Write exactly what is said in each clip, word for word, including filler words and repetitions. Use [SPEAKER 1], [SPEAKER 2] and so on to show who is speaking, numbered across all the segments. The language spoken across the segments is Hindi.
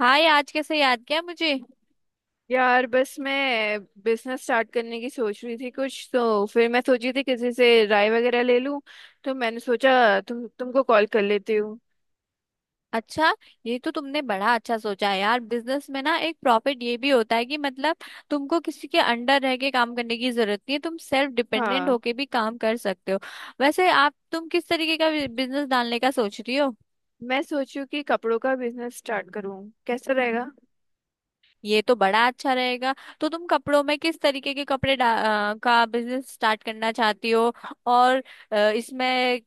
[SPEAKER 1] हाय, आज कैसे याद किया मुझे।
[SPEAKER 2] यार बस मैं बिजनेस स्टार्ट करने की सोच रही थी कुछ। तो फिर मैं सोची थी किसी से राय वगैरह ले लूं, तो मैंने सोचा तुम तुमको कॉल कर लेती हूँ।
[SPEAKER 1] अच्छा। ये तो तुमने बड़ा अच्छा सोचा है यार। बिजनेस में ना एक प्रॉफिट ये भी होता है कि मतलब तुमको किसी के अंडर रह के काम करने की जरूरत नहीं है। तुम सेल्फ डिपेंडेंट
[SPEAKER 2] हाँ,
[SPEAKER 1] होके भी काम कर सकते हो। वैसे आप तुम किस तरीके का बिजनेस डालने का सोच रही हो।
[SPEAKER 2] मैं सोचूं कि कपड़ों का बिजनेस स्टार्ट करूँ, कैसा रहेगा?
[SPEAKER 1] ये तो बड़ा अच्छा रहेगा। तो तुम कपड़ों में किस तरीके के कपड़े डा, अ, का बिजनेस स्टार्ट करना चाहती हो। और अ, इसमें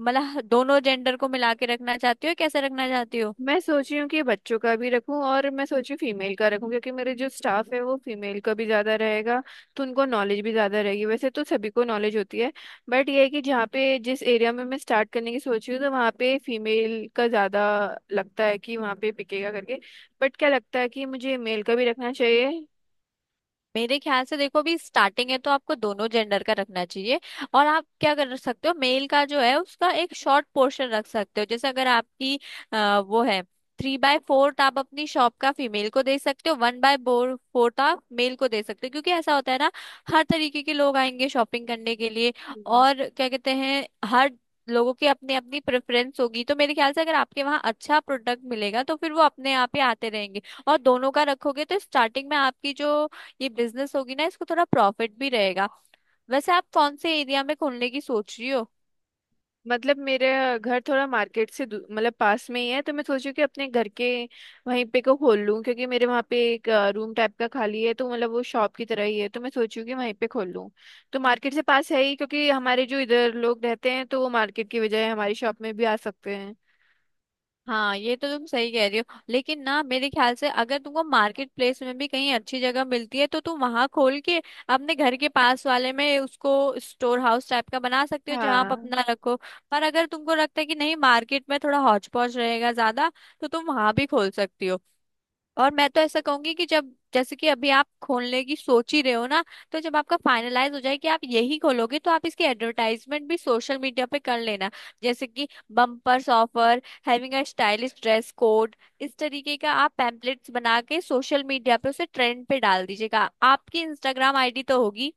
[SPEAKER 1] मतलब दोनों जेंडर को मिला के रखना चाहती हो या कैसे रखना चाहती हो।
[SPEAKER 2] मैं सोच रही हूँ कि बच्चों का भी रखूँ, और मैं सोच रही हूँ फीमेल का रखूँ, क्योंकि मेरे जो स्टाफ है वो फीमेल का भी ज़्यादा रहेगा। तो उनको नॉलेज भी ज़्यादा रहेगी, वैसे तो सभी को नॉलेज होती है। बट ये है कि जहाँ पे जिस एरिया में मैं स्टार्ट करने की सोच रही हूँ, तो वहाँ पे फीमेल का ज़्यादा लगता है कि वहाँ पे पिकेगा करके। बट क्या लगता है कि मुझे मेल का भी रखना चाहिए?
[SPEAKER 1] मेरे ख्याल से देखो, अभी स्टार्टिंग है तो आपको दोनों जेंडर का रखना चाहिए। और आप क्या कर सकते हो, मेल का जो है उसका एक शॉर्ट पोर्शन रख सकते हो। जैसे अगर आपकी अ, वो है, थ्री बाय फोर्थ आप अपनी शॉप का फीमेल को दे सकते हो, वन बाय फोर्थ आप मेल को दे सकते हो। क्योंकि ऐसा होता है ना, हर तरीके के लोग आएंगे शॉपिंग करने के लिए। और क्या कहते हैं, हर लोगों की अपनी अपनी प्रेफरेंस होगी। तो मेरे ख्याल से अगर आपके वहाँ अच्छा प्रोडक्ट मिलेगा तो फिर वो अपने आप ही आते रहेंगे। और दोनों का रखोगे तो स्टार्टिंग में आपकी जो ये बिजनेस होगी ना इसको थोड़ा प्रॉफिट भी रहेगा। वैसे आप कौन से एरिया में खोलने की सोच रही हो?
[SPEAKER 2] मतलब मेरे घर थोड़ा मार्केट से दू- मतलब पास में ही है, तो मैं सोची कि अपने घर के वहीं पे को खोल लूँ, क्योंकि मेरे वहाँ पे एक रूम टाइप का खाली है, तो मतलब वो शॉप की तरह ही है। तो मैं सोचूँ कि वहीं पे खोल लूँ, तो मार्केट से पास है ही, क्योंकि हमारे जो इधर लोग रहते हैं तो वो मार्केट की बजाय हमारी शॉप में भी आ सकते हैं।
[SPEAKER 1] हाँ, ये तो तुम सही कह रही हो। लेकिन ना मेरे ख्याल से अगर तुमको मार्केट प्लेस में भी कहीं अच्छी जगह मिलती है तो तुम वहां खोल के अपने घर के पास वाले में उसको स्टोर हाउस टाइप का बना सकते हो, जहां आप
[SPEAKER 2] हाँ।
[SPEAKER 1] अपना रखो। पर अगर तुमको लगता है कि नहीं, मार्केट में थोड़ा हौच पौच रहेगा ज्यादा, तो तुम वहां भी खोल सकती हो। और मैं तो ऐसा कहूंगी कि जब, जैसे कि अभी आप खोलने की सोच ही रहे हो ना, तो जब आपका फाइनलाइज हो जाए कि आप यही खोलोगे तो आप इसकी एडवर्टाइजमेंट भी सोशल मीडिया पे कर लेना। जैसे कि bumpers offer having a stylish dress code, इस तरीके का आप पैम्पलेट्स बना के सोशल मीडिया पे उसे ट्रेंड पे डाल दीजिएगा। आपकी इंस्टाग्राम आईडी तो होगी।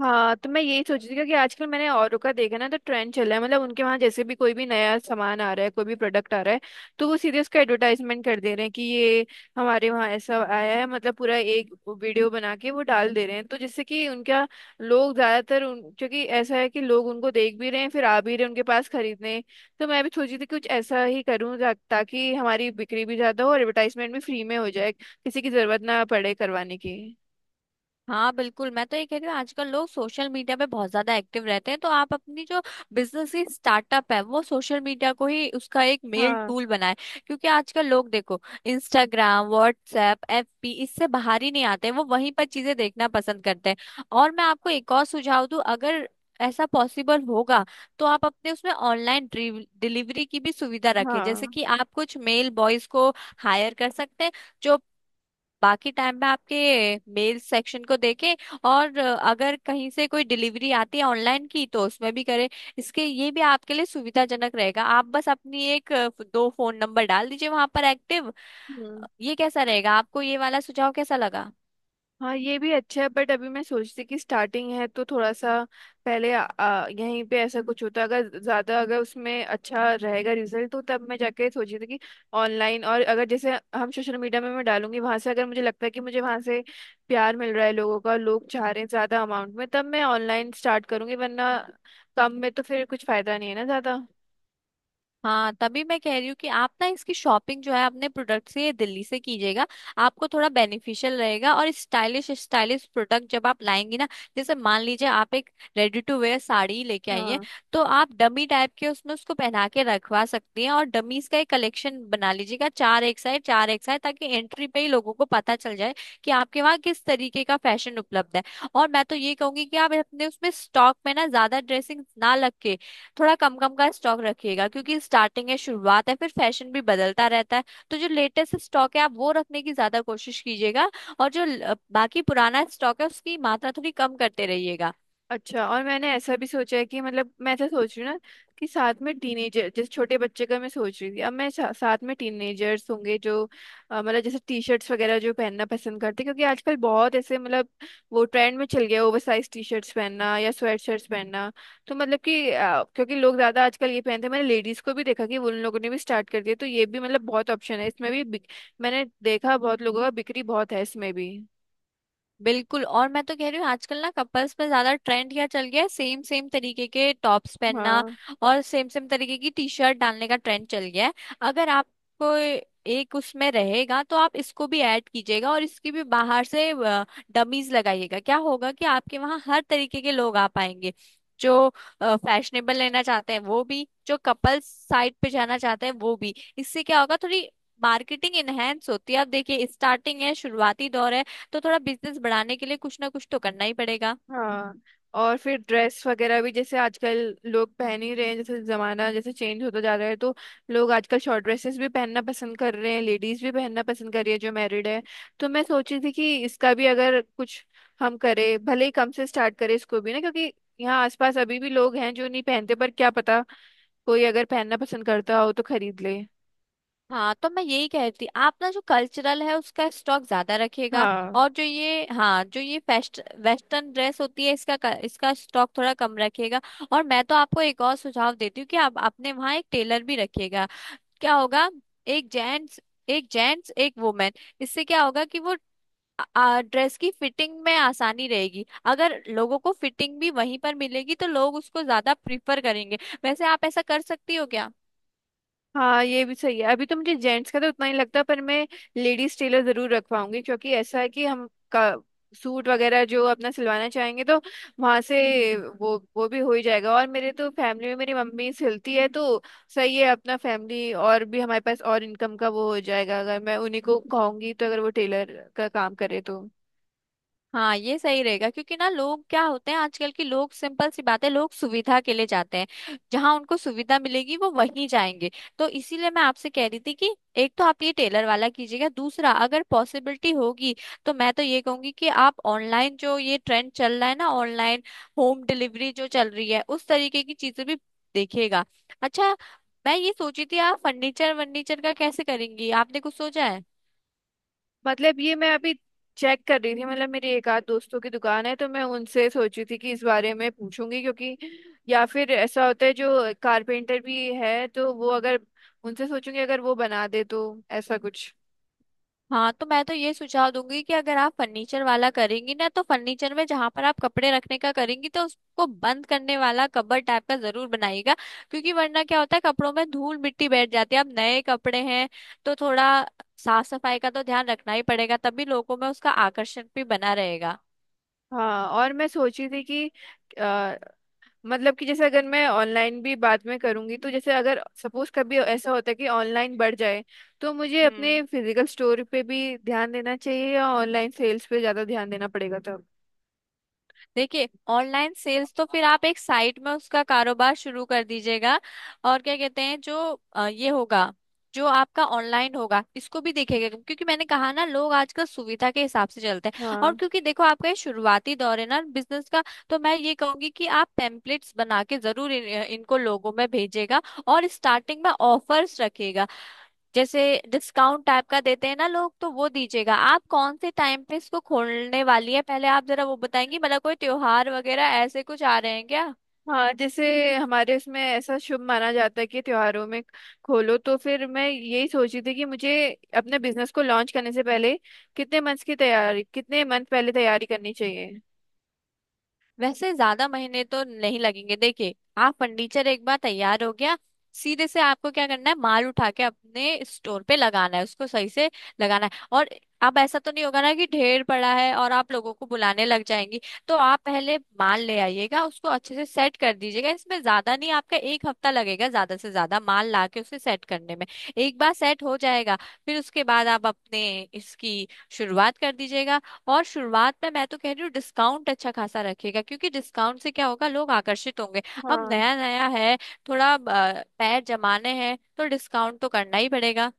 [SPEAKER 2] हाँ, तो मैं यही सोच रही थी, क्योंकि आजकल मैंने औरों का देखा ना, तो ट्रेंड चला है, मतलब उनके वहाँ जैसे भी कोई भी नया सामान आ रहा है, कोई भी प्रोडक्ट आ रहा है, तो वो सीधे उसका एडवर्टाइजमेंट कर दे रहे हैं कि ये हमारे वहाँ ऐसा आया है। मतलब पूरा एक वीडियो बना के वो डाल दे रहे हैं, तो जिससे कि उनका लोग ज़्यादातर उन, क्योंकि ऐसा है कि लोग उनको देख भी रहे हैं, फिर आ भी रहे हैं उनके पास खरीदने। तो मैं भी सोच रही थी कुछ ऐसा ही करूँ जा- ताकि हमारी बिक्री भी ज़्यादा हो, और एडवर्टाइजमेंट भी फ्री में हो जाए, किसी की ज़रूरत ना पड़े करवाने की।
[SPEAKER 1] हाँ बिल्कुल, मैं तो ये कह रही हूँ आजकल लोग सोशल मीडिया पे बहुत ज्यादा एक्टिव रहते हैं। तो आप अपनी जो बिजनेस की स्टार्टअप है वो सोशल मीडिया को ही उसका एक मेल
[SPEAKER 2] हाँ।
[SPEAKER 1] टूल बनाए। क्योंकि आजकल लोग देखो इंस्टाग्राम, व्हाट्सएप, एफबी इससे बाहर ही नहीं आते, वो वहीं पर चीजें देखना पसंद करते हैं। और मैं आपको एक और सुझाव दूं, अगर ऐसा पॉसिबल होगा तो आप अपने उसमें ऑनलाइन डिलीवरी की भी सुविधा रखें। जैसे
[SPEAKER 2] हाँ।
[SPEAKER 1] कि आप कुछ मेल बॉयज को हायर कर सकते हैं, जो बाकी टाइम में आपके मेल सेक्शन को देखें। और अ, अगर कहीं से कोई डिलीवरी आती है ऑनलाइन की तो उसमें भी करें। इसके ये भी आपके लिए सुविधाजनक रहेगा। आप बस अपनी एक अ, दो फोन नंबर डाल दीजिए वहां पर एक्टिव।
[SPEAKER 2] हम्म।
[SPEAKER 1] ये कैसा रहेगा, आपको ये वाला सुझाव कैसा लगा?
[SPEAKER 2] हाँ, ये भी अच्छा है, बट अभी मैं सोचती कि स्टार्टिंग है, तो थोड़ा सा पहले आ, आ, यहीं पे ऐसा कुछ होता। अगर ज्यादा, अगर उसमें अच्छा रहेगा रिजल्ट, तो तब मैं जाके सोची थी कि ऑनलाइन। और अगर जैसे हम सोशल मीडिया में मैं डालूंगी, वहां से अगर मुझे लगता है कि मुझे वहां से प्यार मिल रहा है लोगों का, लोग चाह रहे हैं ज्यादा अमाउंट में, तब मैं ऑनलाइन स्टार्ट करूंगी, वरना कम में तो फिर कुछ फायदा नहीं है ना ज्यादा।
[SPEAKER 1] हाँ तभी मैं कह रही हूँ कि आप ना इसकी शॉपिंग जो है अपने प्रोडक्ट से दिल्ली से कीजिएगा। आपको थोड़ा बेनिफिशियल रहेगा। और स्टाइलिश स्टाइलिश प्रोडक्ट जब आप लाएंगी ना, जैसे मान लीजिए आप एक रेडी टू वेयर साड़ी लेके आई हैं,
[SPEAKER 2] हाँ।
[SPEAKER 1] तो आप डमी टाइप के उसमें उसको पहना के रखवा सकती हैं। और डमीज का एक कलेक्शन बना लीजिएगा, चार एक साइड चार एक साइड, ताकि एंट्री पे ही लोगों को पता चल जाए कि आपके वहाँ किस तरीके का फैशन उपलब्ध है। और मैं तो ये कहूंगी कि आप अपने उसमें स्टॉक में ना ज्यादा ड्रेसिंग ना लग, थोड़ा कम कम का स्टॉक रखिएगा। क्योंकि स्टार्टिंग है, शुरुआत है, फिर फैशन भी बदलता रहता है। तो जो लेटेस्ट स्टॉक है आप वो रखने की ज्यादा कोशिश कीजिएगा। और जो ल- बाकी पुराना स्टॉक है उसकी मात्रा थोड़ी कम करते रहिएगा।
[SPEAKER 2] अच्छा, और मैंने ऐसा भी सोचा है कि मतलब मैं ऐसा सोच रही हूँ ना, कि साथ में टीनेजर जैसे छोटे बच्चे का मैं सोच रही थी। अब मैं सा, साथ में टीनेजर्स होंगे जो अ, मतलब जैसे टी शर्ट्स वगैरह जो पहनना पसंद करते हैं, क्योंकि आजकल बहुत ऐसे, मतलब वो ट्रेंड में चल गया ओवर साइज टी शर्ट्स पहनना या स्वेट शर्ट्स पहनना। तो मतलब कि अ, क्योंकि लोग ज़्यादा आजकल ये पहनते हैं, मैंने लेडीज़ को भी देखा कि उन लोगों ने भी स्टार्ट कर दिया, तो ये भी मतलब बहुत ऑप्शन है इसमें भी बिक- मैंने देखा बहुत लोगों का बिक्री बहुत है इसमें भी।
[SPEAKER 1] बिल्कुल। और मैं तो कह रही हूँ आजकल ना कपल्स में ज्यादा ट्रेंड क्या चल गया है, सेम सेम तरीके के टॉप्स पहनना
[SPEAKER 2] हाँ।
[SPEAKER 1] और सेम सेम तरीके की टी शर्ट डालने का ट्रेंड चल गया है। अगर आपको एक उसमें रहेगा तो आप इसको भी ऐड कीजिएगा और इसकी भी बाहर से डमीज लगाइएगा। क्या होगा कि आपके वहाँ हर तरीके के लोग आ पाएंगे, जो फैशनेबल लेना चाहते हैं वो भी, जो कपल्स साइड पे जाना चाहते हैं वो भी। इससे क्या होगा, थोड़ी मार्केटिंग इनहेंस होती है। आप देखिए, स्टार्टिंग है, शुरुआती दौर है। तो थोड़ा बिजनेस बढ़ाने के लिए कुछ ना कुछ तो करना ही पड़ेगा।
[SPEAKER 2] हाँ, और फिर ड्रेस वगैरह भी जैसे आजकल लोग पहन ही रहे हैं, जैसे जमाना जैसे चेंज होता जा रहा है, तो लोग आजकल शॉर्ट ड्रेसेस भी पहनना पसंद कर रहे हैं, लेडीज भी पहनना पसंद कर रही है जो मैरिड है। तो मैं सोची थी कि इसका भी अगर कुछ हम करें, भले ही कम से स्टार्ट करें इसको भी ना, क्योंकि यहाँ आसपास अभी भी लोग हैं जो नहीं पहनते, पर क्या पता कोई अगर पहनना पसंद करता हो तो खरीद ले।
[SPEAKER 1] हाँ तो मैं यही कह रही थी, आप ना जो कल्चरल है उसका स्टॉक ज्यादा रखिएगा।
[SPEAKER 2] हाँ।
[SPEAKER 1] और जो ये, हाँ जो ये फेस्ट वेस्टर्न ड्रेस होती है इसका क- इसका स्टॉक थोड़ा कम रखिएगा। और मैं तो आपको एक और सुझाव देती हूँ कि आप अपने वहाँ एक टेलर भी रखिएगा। क्या होगा, एक जेंट्स एक जेंट्स एक वुमेन। इससे क्या होगा कि वो आ, ड्रेस की फिटिंग में आसानी रहेगी। अगर लोगों को फिटिंग भी वहीं पर मिलेगी तो लोग उसको ज्यादा प्रिफर करेंगे। वैसे आप ऐसा कर सकती हो क्या?
[SPEAKER 2] हाँ, ये भी सही है, अभी तो मुझे जेंट्स का तो उतना ही लगता है, पर मैं लेडीज टेलर जरूर रखवाऊंगी, क्योंकि ऐसा है कि हम का सूट वगैरह जो अपना सिलवाना चाहेंगे तो वहां से वो वो भी हो ही जाएगा। और मेरे तो फैमिली में मेरी मम्मी सिलती है, तो सही है अपना फैमिली। और भी हमारे पास और इनकम का वो हो जाएगा, अगर मैं उन्हीं को कहूंगी तो, अगर वो टेलर का काम करे तो।
[SPEAKER 1] हाँ ये सही रहेगा। क्योंकि ना लोग क्या होते हैं, आजकल के लोग, सिंपल सी बात है, लोग सुविधा के लिए जाते हैं, जहां उनको सुविधा मिलेगी वो वहीं जाएंगे। तो इसीलिए मैं आपसे कह रही थी कि एक तो आप ये टेलर वाला कीजिएगा, दूसरा अगर पॉसिबिलिटी होगी तो मैं तो ये कहूंगी कि आप ऑनलाइन, जो ये ट्रेंड चल रहा है ना ऑनलाइन होम डिलीवरी जो चल रही है, उस तरीके की चीजें भी देखिएगा। अच्छा, मैं ये सोची थी आप फर्नीचर वर्नीचर का कैसे करेंगी, आपने कुछ सोचा है?
[SPEAKER 2] मतलब ये मैं अभी चेक कर रही थी, मतलब मेरी एक आध दोस्तों की दुकान है, तो मैं उनसे सोची थी कि इस बारे में पूछूंगी। क्योंकि या फिर ऐसा होता है जो कारपेंटर भी है, तो वो अगर उनसे सोचूंगी, अगर वो बना दे तो ऐसा कुछ।
[SPEAKER 1] हाँ तो मैं तो ये सुझाव दूंगी कि अगर आप फर्नीचर वाला करेंगी ना, तो फर्नीचर में जहां पर आप कपड़े रखने का करेंगी, तो उसको बंद करने वाला कबर्ड टाइप का जरूर बनाइएगा। क्योंकि वरना क्या होता है, कपड़ों में धूल मिट्टी बैठ जाती है, अब नए कपड़े हैं तो थोड़ा साफ सफाई का तो ध्यान रखना ही पड़ेगा, तभी लोगों में उसका आकर्षण भी बना रहेगा।
[SPEAKER 2] हाँ, और मैं सोची थी कि अ, मतलब कि जैसे अगर मैं ऑनलाइन भी बाद में करूंगी, तो जैसे अगर सपोज कभी ऐसा होता है कि ऑनलाइन बढ़ जाए, तो मुझे अपने
[SPEAKER 1] हम्म
[SPEAKER 2] फिजिकल स्टोर पे भी ध्यान देना चाहिए, या ऑनलाइन सेल्स पे ज़्यादा ध्यान देना पड़ेगा तब?
[SPEAKER 1] देखिए, ऑनलाइन सेल्स तो फिर आप एक साइट में उसका कारोबार शुरू कर दीजिएगा। और क्या कहते हैं जो अ, ये होगा, जो आपका ऑनलाइन होगा इसको भी देखेगा। क्योंकि मैंने कहा ना, लोग आजकल सुविधा के हिसाब से चलते हैं। और
[SPEAKER 2] हाँ।
[SPEAKER 1] क्योंकि देखो आपका ये शुरुआती दौर है ना बिजनेस का, तो मैं ये कहूंगी कि आप टेम्पलेट्स बना के जरूर इन, इनको लोगों में भेजेगा। और स्टार्टिंग में ऑफर्स रखेगा, जैसे डिस्काउंट टाइप का देते हैं ना लोग, तो वो दीजिएगा। आप कौन से टाइम पे इसको खोलने वाली है, पहले आप जरा वो बताएंगी, मतलब कोई त्योहार वगैरह ऐसे कुछ आ रहे हैं क्या?
[SPEAKER 2] हाँ, जैसे हमारे इसमें ऐसा शुभ माना जाता है कि त्योहारों में खोलो, तो फिर मैं यही सोची थी कि मुझे अपने बिजनेस को लॉन्च करने से पहले कितने मंथ्स की तैयारी, कितने मंथ पहले तैयारी करनी चाहिए?
[SPEAKER 1] वैसे ज्यादा महीने तो नहीं लगेंगे। देखिए, आप फर्नीचर एक बार तैयार हो गया, सीधे से आपको क्या करना है, माल उठा के अपने स्टोर पे लगाना है, उसको सही से लगाना है। और अब ऐसा तो नहीं होगा ना कि ढेर पड़ा है और आप लोगों को बुलाने लग जाएंगी। तो आप पहले माल ले आइएगा, उसको अच्छे से सेट कर दीजिएगा। इसमें ज्यादा नहीं, आपका एक हफ्ता लगेगा ज्यादा से ज्यादा माल ला के उसे सेट करने में। एक बार सेट हो जाएगा, फिर उसके बाद आप अपने इसकी शुरुआत कर दीजिएगा। और शुरुआत में मैं तो कह रही हूँ डिस्काउंट अच्छा खासा रखेगा। क्योंकि डिस्काउंट से क्या होगा, लोग आकर्षित होंगे। अब
[SPEAKER 2] हाँ।
[SPEAKER 1] नया नया है, थोड़ा अ, पैर जमाने हैं, तो डिस्काउंट तो करना ही पड़ेगा।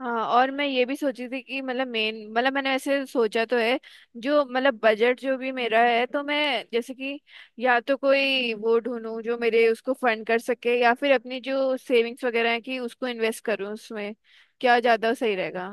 [SPEAKER 2] हाँ, और मैं ये भी सोची थी कि मतलब मेन, मतलब मैंने ऐसे सोचा तो है जो, मतलब बजट जो भी मेरा है, तो मैं जैसे कि या तो कोई वो ढूंढूं जो मेरे उसको फंड कर सके, या फिर अपनी जो सेविंग्स वगैरह है कि उसको इन्वेस्ट करूं उसमें, क्या ज्यादा सही रहेगा?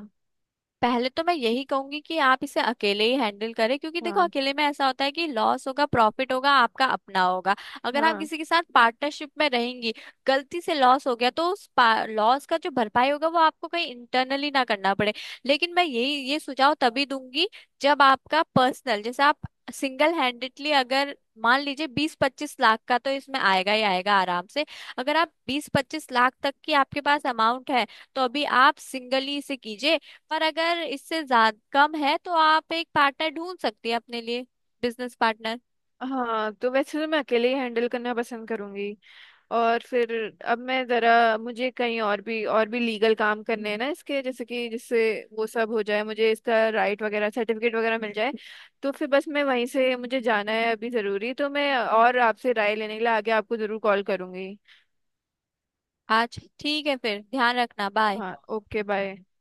[SPEAKER 1] पहले तो मैं यही कहूंगी कि आप इसे अकेले ही हैंडल करें। क्योंकि देखो
[SPEAKER 2] हाँ।
[SPEAKER 1] अकेले में ऐसा होता है कि लॉस होगा प्रॉफिट होगा आपका अपना होगा। अगर आप
[SPEAKER 2] हाँ।
[SPEAKER 1] किसी के साथ पार्टनरशिप में रहेंगी, गलती से लॉस हो गया तो उस लॉस का जो भरपाई होगा वो आपको कहीं इंटरनली ना करना पड़े। लेकिन मैं यही ये सुझाव तभी दूंगी जब आपका पर्सनल, जैसे आप सिंगल हैंडेडली अगर, मान लीजिए बीस पच्चीस लाख का, तो इसमें आएगा ही आएगा आराम से। अगर आप बीस पच्चीस लाख तक की आपके पास अमाउंट है तो अभी आप सिंगली इसे कीजिए। पर अगर इससे ज्यादा कम है तो आप एक पार्टनर ढूंढ सकती है अपने लिए, बिजनेस पार्टनर।
[SPEAKER 2] हाँ, तो वैसे तो मैं अकेले ही हैंडल करना पसंद करूंगी। और फिर अब मैं जरा, मुझे कहीं और भी और भी लीगल काम करने हैं ना इसके, जैसे कि जिससे वो सब हो जाए, मुझे इसका राइट वगैरह सर्टिफिकेट वगैरह मिल जाए। तो फिर बस मैं वहीं से, मुझे जाना है अभी ज़रूरी, तो मैं और आपसे राय लेने के लिए आगे आपको ज़रूर कॉल करूंगी।
[SPEAKER 1] आज ठीक है फिर, ध्यान रखना, बाय।
[SPEAKER 2] हाँ, ओके, बाय।